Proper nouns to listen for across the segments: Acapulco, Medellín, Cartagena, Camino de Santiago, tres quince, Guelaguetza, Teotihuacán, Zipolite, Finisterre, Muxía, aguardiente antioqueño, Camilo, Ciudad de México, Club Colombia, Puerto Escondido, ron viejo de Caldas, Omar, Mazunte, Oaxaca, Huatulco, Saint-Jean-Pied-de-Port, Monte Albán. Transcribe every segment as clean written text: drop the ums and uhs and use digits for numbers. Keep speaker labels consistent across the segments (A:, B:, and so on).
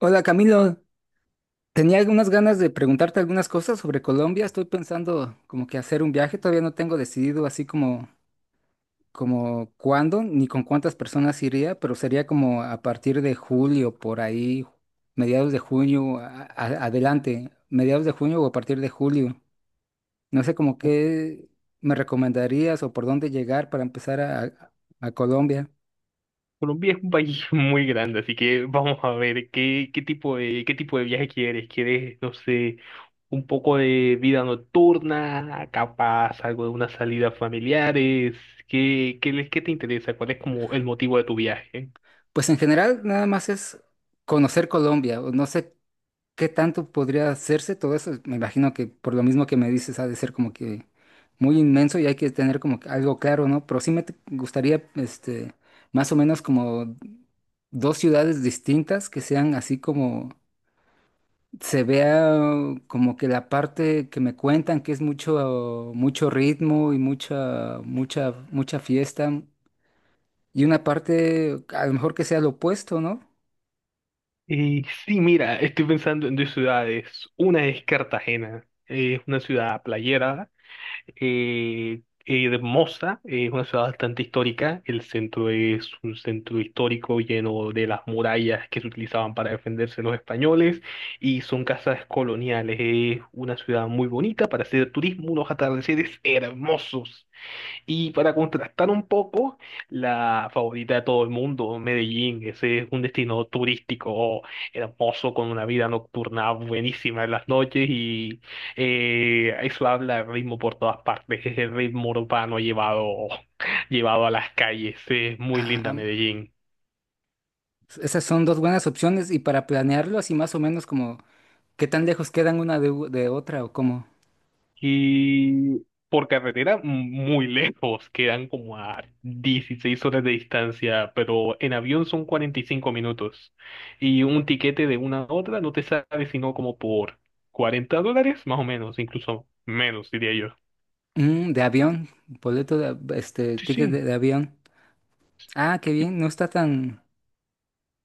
A: Hola Camilo, tenía algunas ganas de preguntarte algunas cosas sobre Colombia. Estoy pensando como que hacer un viaje, todavía no tengo decidido así como cuándo ni con cuántas personas iría, pero sería como a partir de julio, por ahí, mediados de junio, adelante, mediados de junio o a partir de julio. No sé como qué me recomendarías o por dónde llegar para empezar a Colombia.
B: Colombia es un país muy grande, así que vamos a ver qué tipo de viaje quieres. ¿Quieres, no sé, un poco de vida nocturna, capaz algo de unas salidas familiares? ¿Qué te interesa? ¿Cuál es como el motivo de tu viaje?
A: Pues en general nada más es conocer Colombia, o no sé. ¿Qué tanto podría hacerse todo eso? Me imagino que por lo mismo que me dices ha de ser como que muy inmenso y hay que tener como que algo claro, ¿no? Pero sí me gustaría, este, más o menos como dos ciudades distintas que sean así como se vea como que la parte que me cuentan que es mucho mucho ritmo y mucha mucha mucha fiesta y una parte a lo mejor que sea lo opuesto, ¿no?
B: Sí, mira, estoy pensando en dos ciudades. Una es Cartagena, es una ciudad playera, hermosa, es una ciudad bastante histórica. El centro es un centro histórico lleno de las murallas que se utilizaban para defenderse los españoles y son casas coloniales. Es una ciudad muy bonita para hacer turismo, unos atardeceres hermosos. Y para contrastar un poco, la favorita de todo el mundo, Medellín, ese es un destino turístico hermoso con una vida nocturna buenísima en las noches y eso habla de ritmo por todas partes, es el ritmo urbano llevado, llevado a las calles, es muy
A: Ah,
B: linda Medellín.
A: esas son dos buenas opciones y para planearlo así más o menos como, ¿qué tan lejos quedan una de, de otra o cómo?
B: Y por carretera muy lejos, quedan como a 16 horas de distancia, pero en avión son 45 minutos. Y un tiquete de una a otra no te sale sino como por $40, más o menos, incluso menos, diría yo.
A: De avión, boleto de, este,
B: Sí,
A: ticket de,
B: sí.
A: de avión. Ah, qué bien, no está tan,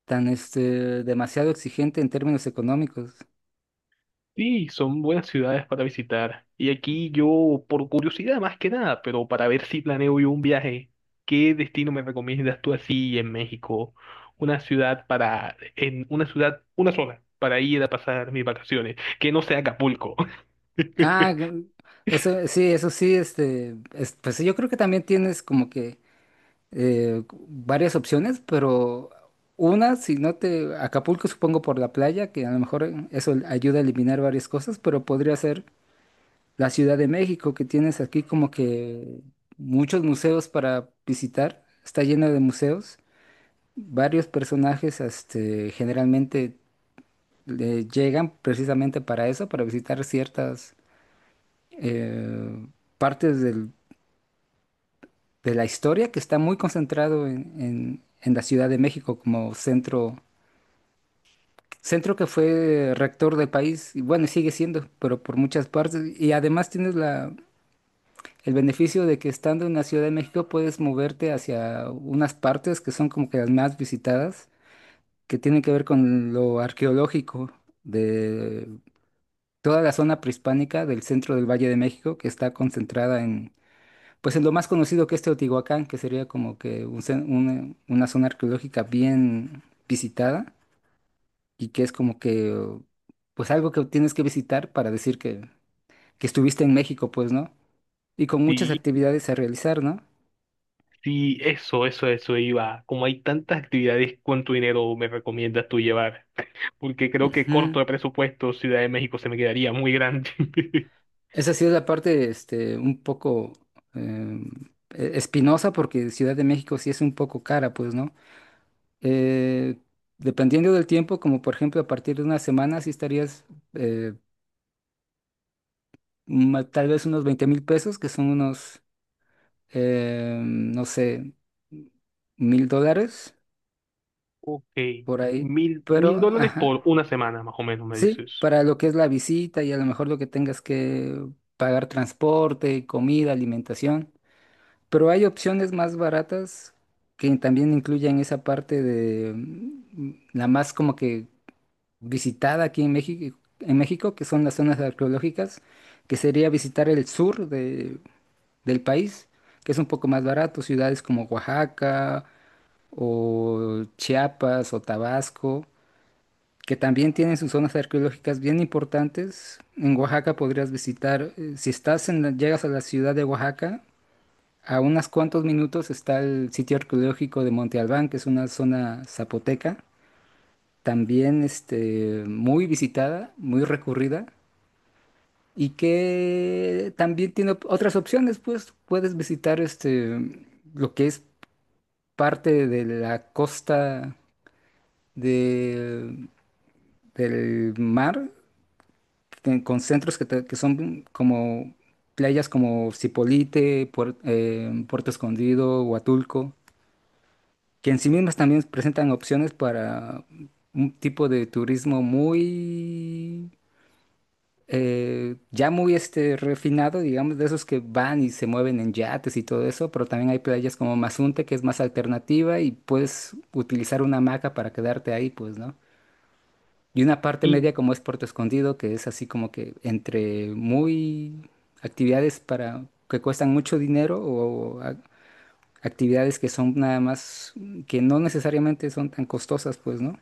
A: tan, este, demasiado exigente en términos económicos.
B: Sí, son buenas ciudades para visitar. Y aquí yo, por curiosidad más que nada, pero para ver si planeo yo un viaje, ¿qué destino me recomiendas tú así en México? Una ciudad para, en una ciudad, una sola, para ir a pasar mis vacaciones, que no sea Acapulco.
A: Ah, eso sí, este, pues sí, yo creo que también tienes como que varias opciones, pero una, si no te, Acapulco supongo por la playa, que a lo mejor eso ayuda a eliminar varias cosas, pero podría ser la Ciudad de México, que tienes aquí como que muchos museos para visitar, está lleno de museos. Varios personajes, este, generalmente llegan precisamente para eso, para visitar ciertas eh, partes de la historia que está muy concentrado en, en la Ciudad de México como centro, centro que fue rector del país, y bueno, sigue siendo, pero por muchas partes. Y además tienes el beneficio de que estando en la Ciudad de México puedes moverte hacia unas partes que son como que las más visitadas, que tienen que ver con lo arqueológico de toda la zona prehispánica del centro del Valle de México, que está concentrada en, pues en lo más conocido que es Teotihuacán, que sería como que un una zona arqueológica bien visitada y que es como que, pues algo que tienes que visitar para decir que estuviste en México, pues, ¿no? Y con muchas
B: Sí,
A: actividades a realizar, ¿no?
B: sí, eso iba. Como hay tantas actividades, ¿cuánto dinero me recomiendas tú llevar? Porque creo que corto
A: Ujú.
B: de presupuesto, Ciudad de México se me quedaría muy grande.
A: Esa sí es la parte, este, un poco eh, espinosa porque Ciudad de México sí es un poco cara, pues, ¿no? Eh, dependiendo del tiempo, como por ejemplo a partir de una semana, sí estarías, eh, tal vez unos 20,000 pesos, que son unos, no sé, 1,000 dólares
B: Ok,
A: por ahí.
B: mil
A: Pero,
B: dólares
A: ajá,
B: por una semana, más o menos, me
A: sí,
B: dices.
A: para lo que es la visita y a lo mejor lo que tengas que pagar transporte, comida, alimentación. Pero hay opciones más baratas que también incluyen esa parte de la más como que visitada aquí en México, que son las zonas arqueológicas, que sería visitar el sur del país, que es un poco más barato, ciudades como Oaxaca o Chiapas o Tabasco, que también tienen sus zonas arqueológicas bien importantes. En Oaxaca podrías visitar, si estás en llegas a la ciudad de Oaxaca, a unos cuantos minutos está el sitio arqueológico de Monte Albán, que es una zona zapoteca, también este, muy visitada, muy recurrida, y que también tiene otras opciones, pues puedes visitar este, lo que es parte de la costa de- del mar, que, con centros que, que son como playas como Zipolite, Puerto Escondido, Huatulco, que en sí mismas también presentan opciones para un tipo de turismo muy, ya muy este, refinado, digamos, de esos que van y se mueven en yates y todo eso, pero también hay playas como Mazunte, que es más alternativa y puedes utilizar una hamaca para quedarte ahí, pues, ¿no? Y una parte
B: Y
A: media como es Puerto Escondido, que es así como que entre muy actividades para que cuestan mucho dinero o, actividades que son nada más, que no necesariamente son tan costosas, pues, ¿no?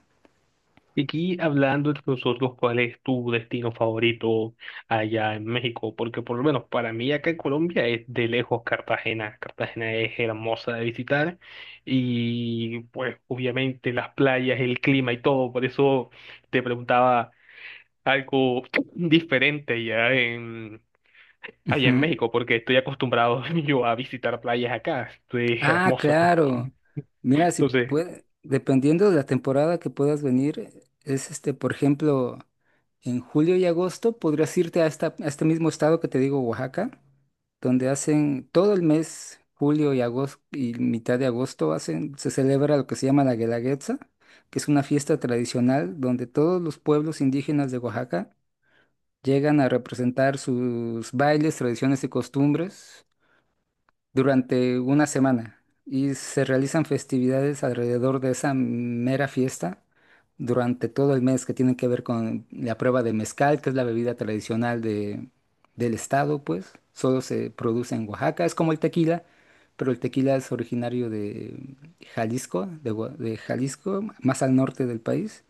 B: aquí hablando entre nosotros, ¿cuál es tu destino favorito allá en México? Porque por lo menos para mí acá en Colombia es de lejos Cartagena. Cartagena es hermosa de visitar y pues obviamente las playas, el clima y todo. Por eso te preguntaba algo diferente allá en
A: Ujú.
B: México, porque estoy acostumbrado yo a visitar playas acá. Es
A: Ah,
B: hermosa.
A: claro. Mira, si
B: Entonces.
A: puede, dependiendo de la temporada que puedas venir, es este, por ejemplo, en julio y agosto podrías irte a, esta, a este mismo estado que te digo, Oaxaca, donde hacen todo el mes, julio y agosto y mitad de agosto hacen, se celebra lo que se llama la Guelaguetza, que es una fiesta tradicional donde todos los pueblos indígenas de Oaxaca llegan a representar sus bailes, tradiciones y costumbres durante una semana y se realizan festividades alrededor de esa mera fiesta durante todo el mes que tienen que ver con la prueba de mezcal, que es la bebida tradicional de, del estado, pues solo se produce en Oaxaca, es como el tequila, pero el tequila es originario de Jalisco, de Jalisco, más al norte del país.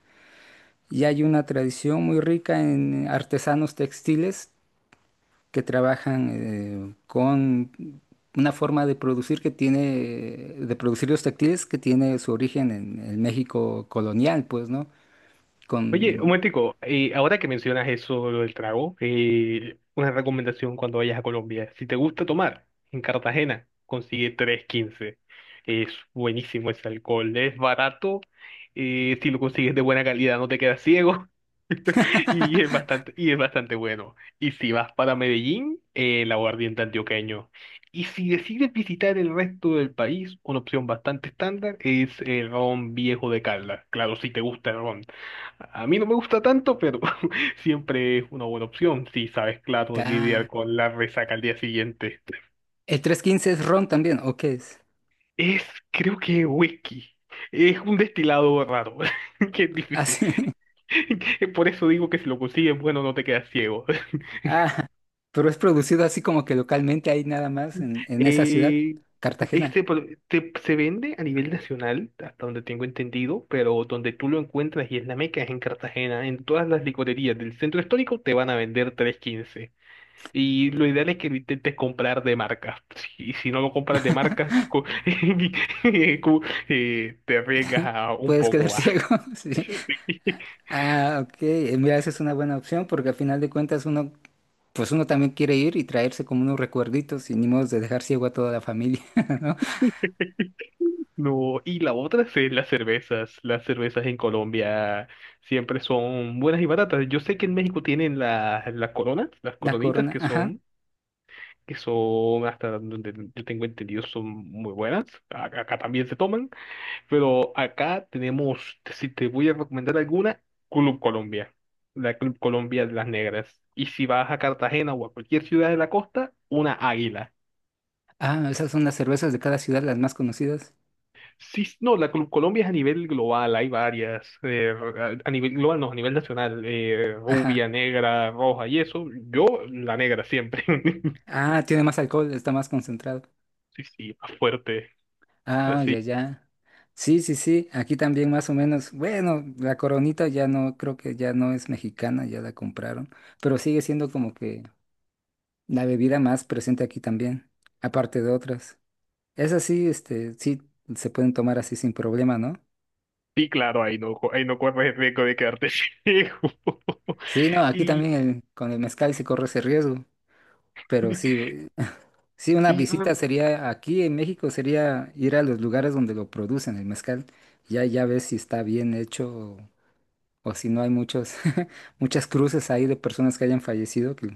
A: Y hay una tradición muy rica en artesanos textiles que trabajan con una forma de producir que tiene, de producir los textiles que tiene su origen en el México colonial, pues, ¿no?
B: Oye, un
A: Con...
B: momentico, ahora que mencionas eso, lo del trago, una recomendación cuando vayas a Colombia. Si te gusta tomar, en Cartagena, consigue 315. Es buenísimo ese alcohol, es barato, si lo consigues de buena calidad no te quedas ciego. Y es bastante, y es bastante bueno. Y si vas para Medellín, el aguardiente antioqueño. Y si decides visitar el resto del país, una opción bastante estándar es el ron viejo de Caldas. Claro, si te gusta el ron. A mí no me gusta tanto, pero siempre es una buena opción si sabes, claro,
A: Ah,
B: lidiar con la resaca al día siguiente.
A: ¿el 315 es ron también, o qué es?
B: Es, creo que whisky. Es un destilado raro, que es difícil.
A: Así. Ah, sí.
B: Por eso digo que si lo consigues, bueno, no te quedas ciego.
A: Ah, pero ¿es producido así como que localmente ahí nada más en esa ciudad,
B: Eh,
A: Cartagena?
B: se vende a nivel nacional, hasta donde tengo entendido, pero donde tú lo encuentras y es la meca es en Cartagena. En todas las licorerías del centro histórico te van a vender tres quince. Y lo ideal es que lo intentes comprar de marca. Y si no lo compras de marca, co- te arriesgas a un
A: Puedes quedar
B: poco más.
A: ciego, sí. Ah, ok. Mira, esa es una buena opción porque al final de cuentas uno, pues uno también quiere ir y traerse como unos recuerditos y ni modo de dejar ciego a toda la familia, ¿no?
B: No, y la otra es las cervezas. Las cervezas en Colombia siempre son buenas y baratas. Yo sé que en México tienen las coronas, las
A: La
B: coronitas
A: Corona,
B: que
A: ajá.
B: son, que son, hasta donde yo tengo entendido, son muy buenas. Acá, también se toman, pero acá tenemos, si te voy a recomendar alguna, Club Colombia. La Club Colombia de las Negras. Y si vas a Cartagena o a cualquier ciudad de la costa, una águila.
A: Ah, esas son las cervezas de cada ciudad, las más conocidas.
B: Sí, no, la Colombia es a nivel global, hay varias, a nivel global, no, a nivel nacional,
A: Ajá.
B: rubia, negra, roja y eso, yo la negra siempre,
A: Ah, tiene más alcohol, está más concentrado.
B: sí, sí, más fuerte,
A: Ah,
B: así,
A: ya, ya. Sí, sí, sí, aquí también más o menos. Bueno, la Coronita ya no, creo que ya no es mexicana, ya la compraron, pero sigue siendo como que la bebida más presente aquí también, aparte de otras. Esas sí, este, sí, se pueden tomar así sin problema, ¿no?
B: sí, claro, ahí no corres el riesgo de quedarte ciego,
A: Sí, no, aquí
B: y,
A: también con el mezcal se corre ese riesgo, pero sí, sí, una
B: y
A: visita sería, aquí en México sería ir a los lugares donde lo producen el mezcal, ya ves si está bien hecho o si no hay muchos muchas cruces ahí de personas que hayan fallecido, que...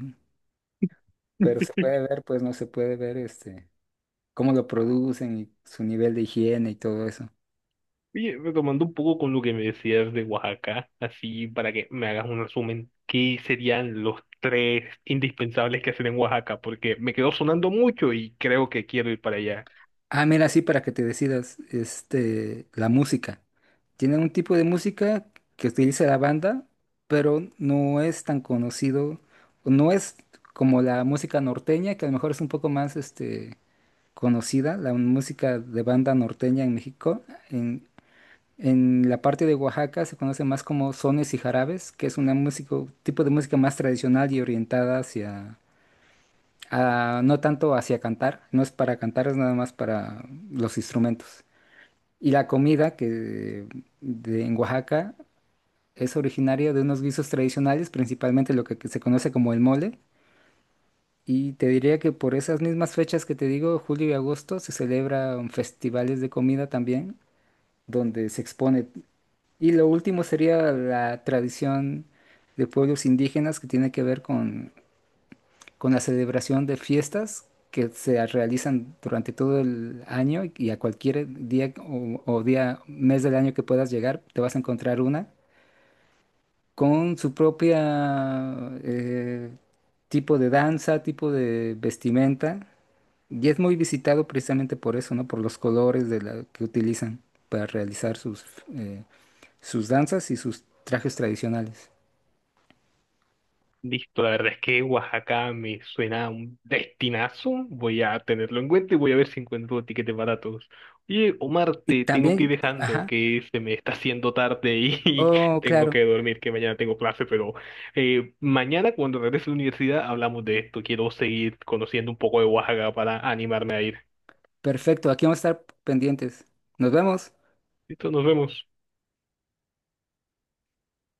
A: pero se puede ver, pues no se puede ver este cómo lo producen y su nivel de higiene y todo eso.
B: Oye, retomando un poco con lo que me decías de Oaxaca, así para que me hagas un resumen, ¿qué serían los tres indispensables que hacer en Oaxaca? Porque me quedó sonando mucho y creo que quiero ir para allá.
A: Ah, mira, sí, para que te decidas, este, la música. Tienen un tipo de música que utiliza la banda, pero no es tan conocido, o no es como la música norteña, que a lo mejor es un poco más, este, conocida, la música de banda norteña en México. En, en la parte de Oaxaca se conoce más como sones y jarabes, que es una música, tipo de música más tradicional y orientada hacia, no tanto hacia cantar, no es para cantar, es nada más para los instrumentos. Y la comida que de, en Oaxaca es originaria de unos guisos tradicionales, principalmente lo que, se conoce como el mole. Y te diría que por esas mismas fechas que te digo, julio y agosto, se celebran festivales de comida también, donde se expone. Y lo último sería la tradición de pueblos indígenas que tiene que ver con la celebración de fiestas que se realizan durante todo el año y a cualquier día o día, mes del año que puedas llegar, te vas a encontrar una con su propia tipo de danza, tipo de vestimenta. Y es muy visitado precisamente por eso, ¿no? Por los colores de que utilizan para realizar sus, eh, sus danzas y sus trajes tradicionales.
B: Listo, la verdad es que Oaxaca me suena a un destinazo. Voy a tenerlo en cuenta y voy a ver si encuentro tiquetes baratos. Oye, Omar,
A: Y
B: te tengo que
A: también,
B: ir dejando,
A: ajá,
B: que se me está haciendo tarde y y
A: oh,
B: tengo
A: claro.
B: que dormir, que mañana tengo clase, pero mañana cuando regrese a la universidad hablamos de esto. Quiero seguir conociendo un poco de Oaxaca para animarme a ir.
A: Perfecto, aquí vamos a estar pendientes. Nos vemos.
B: Listo, nos vemos.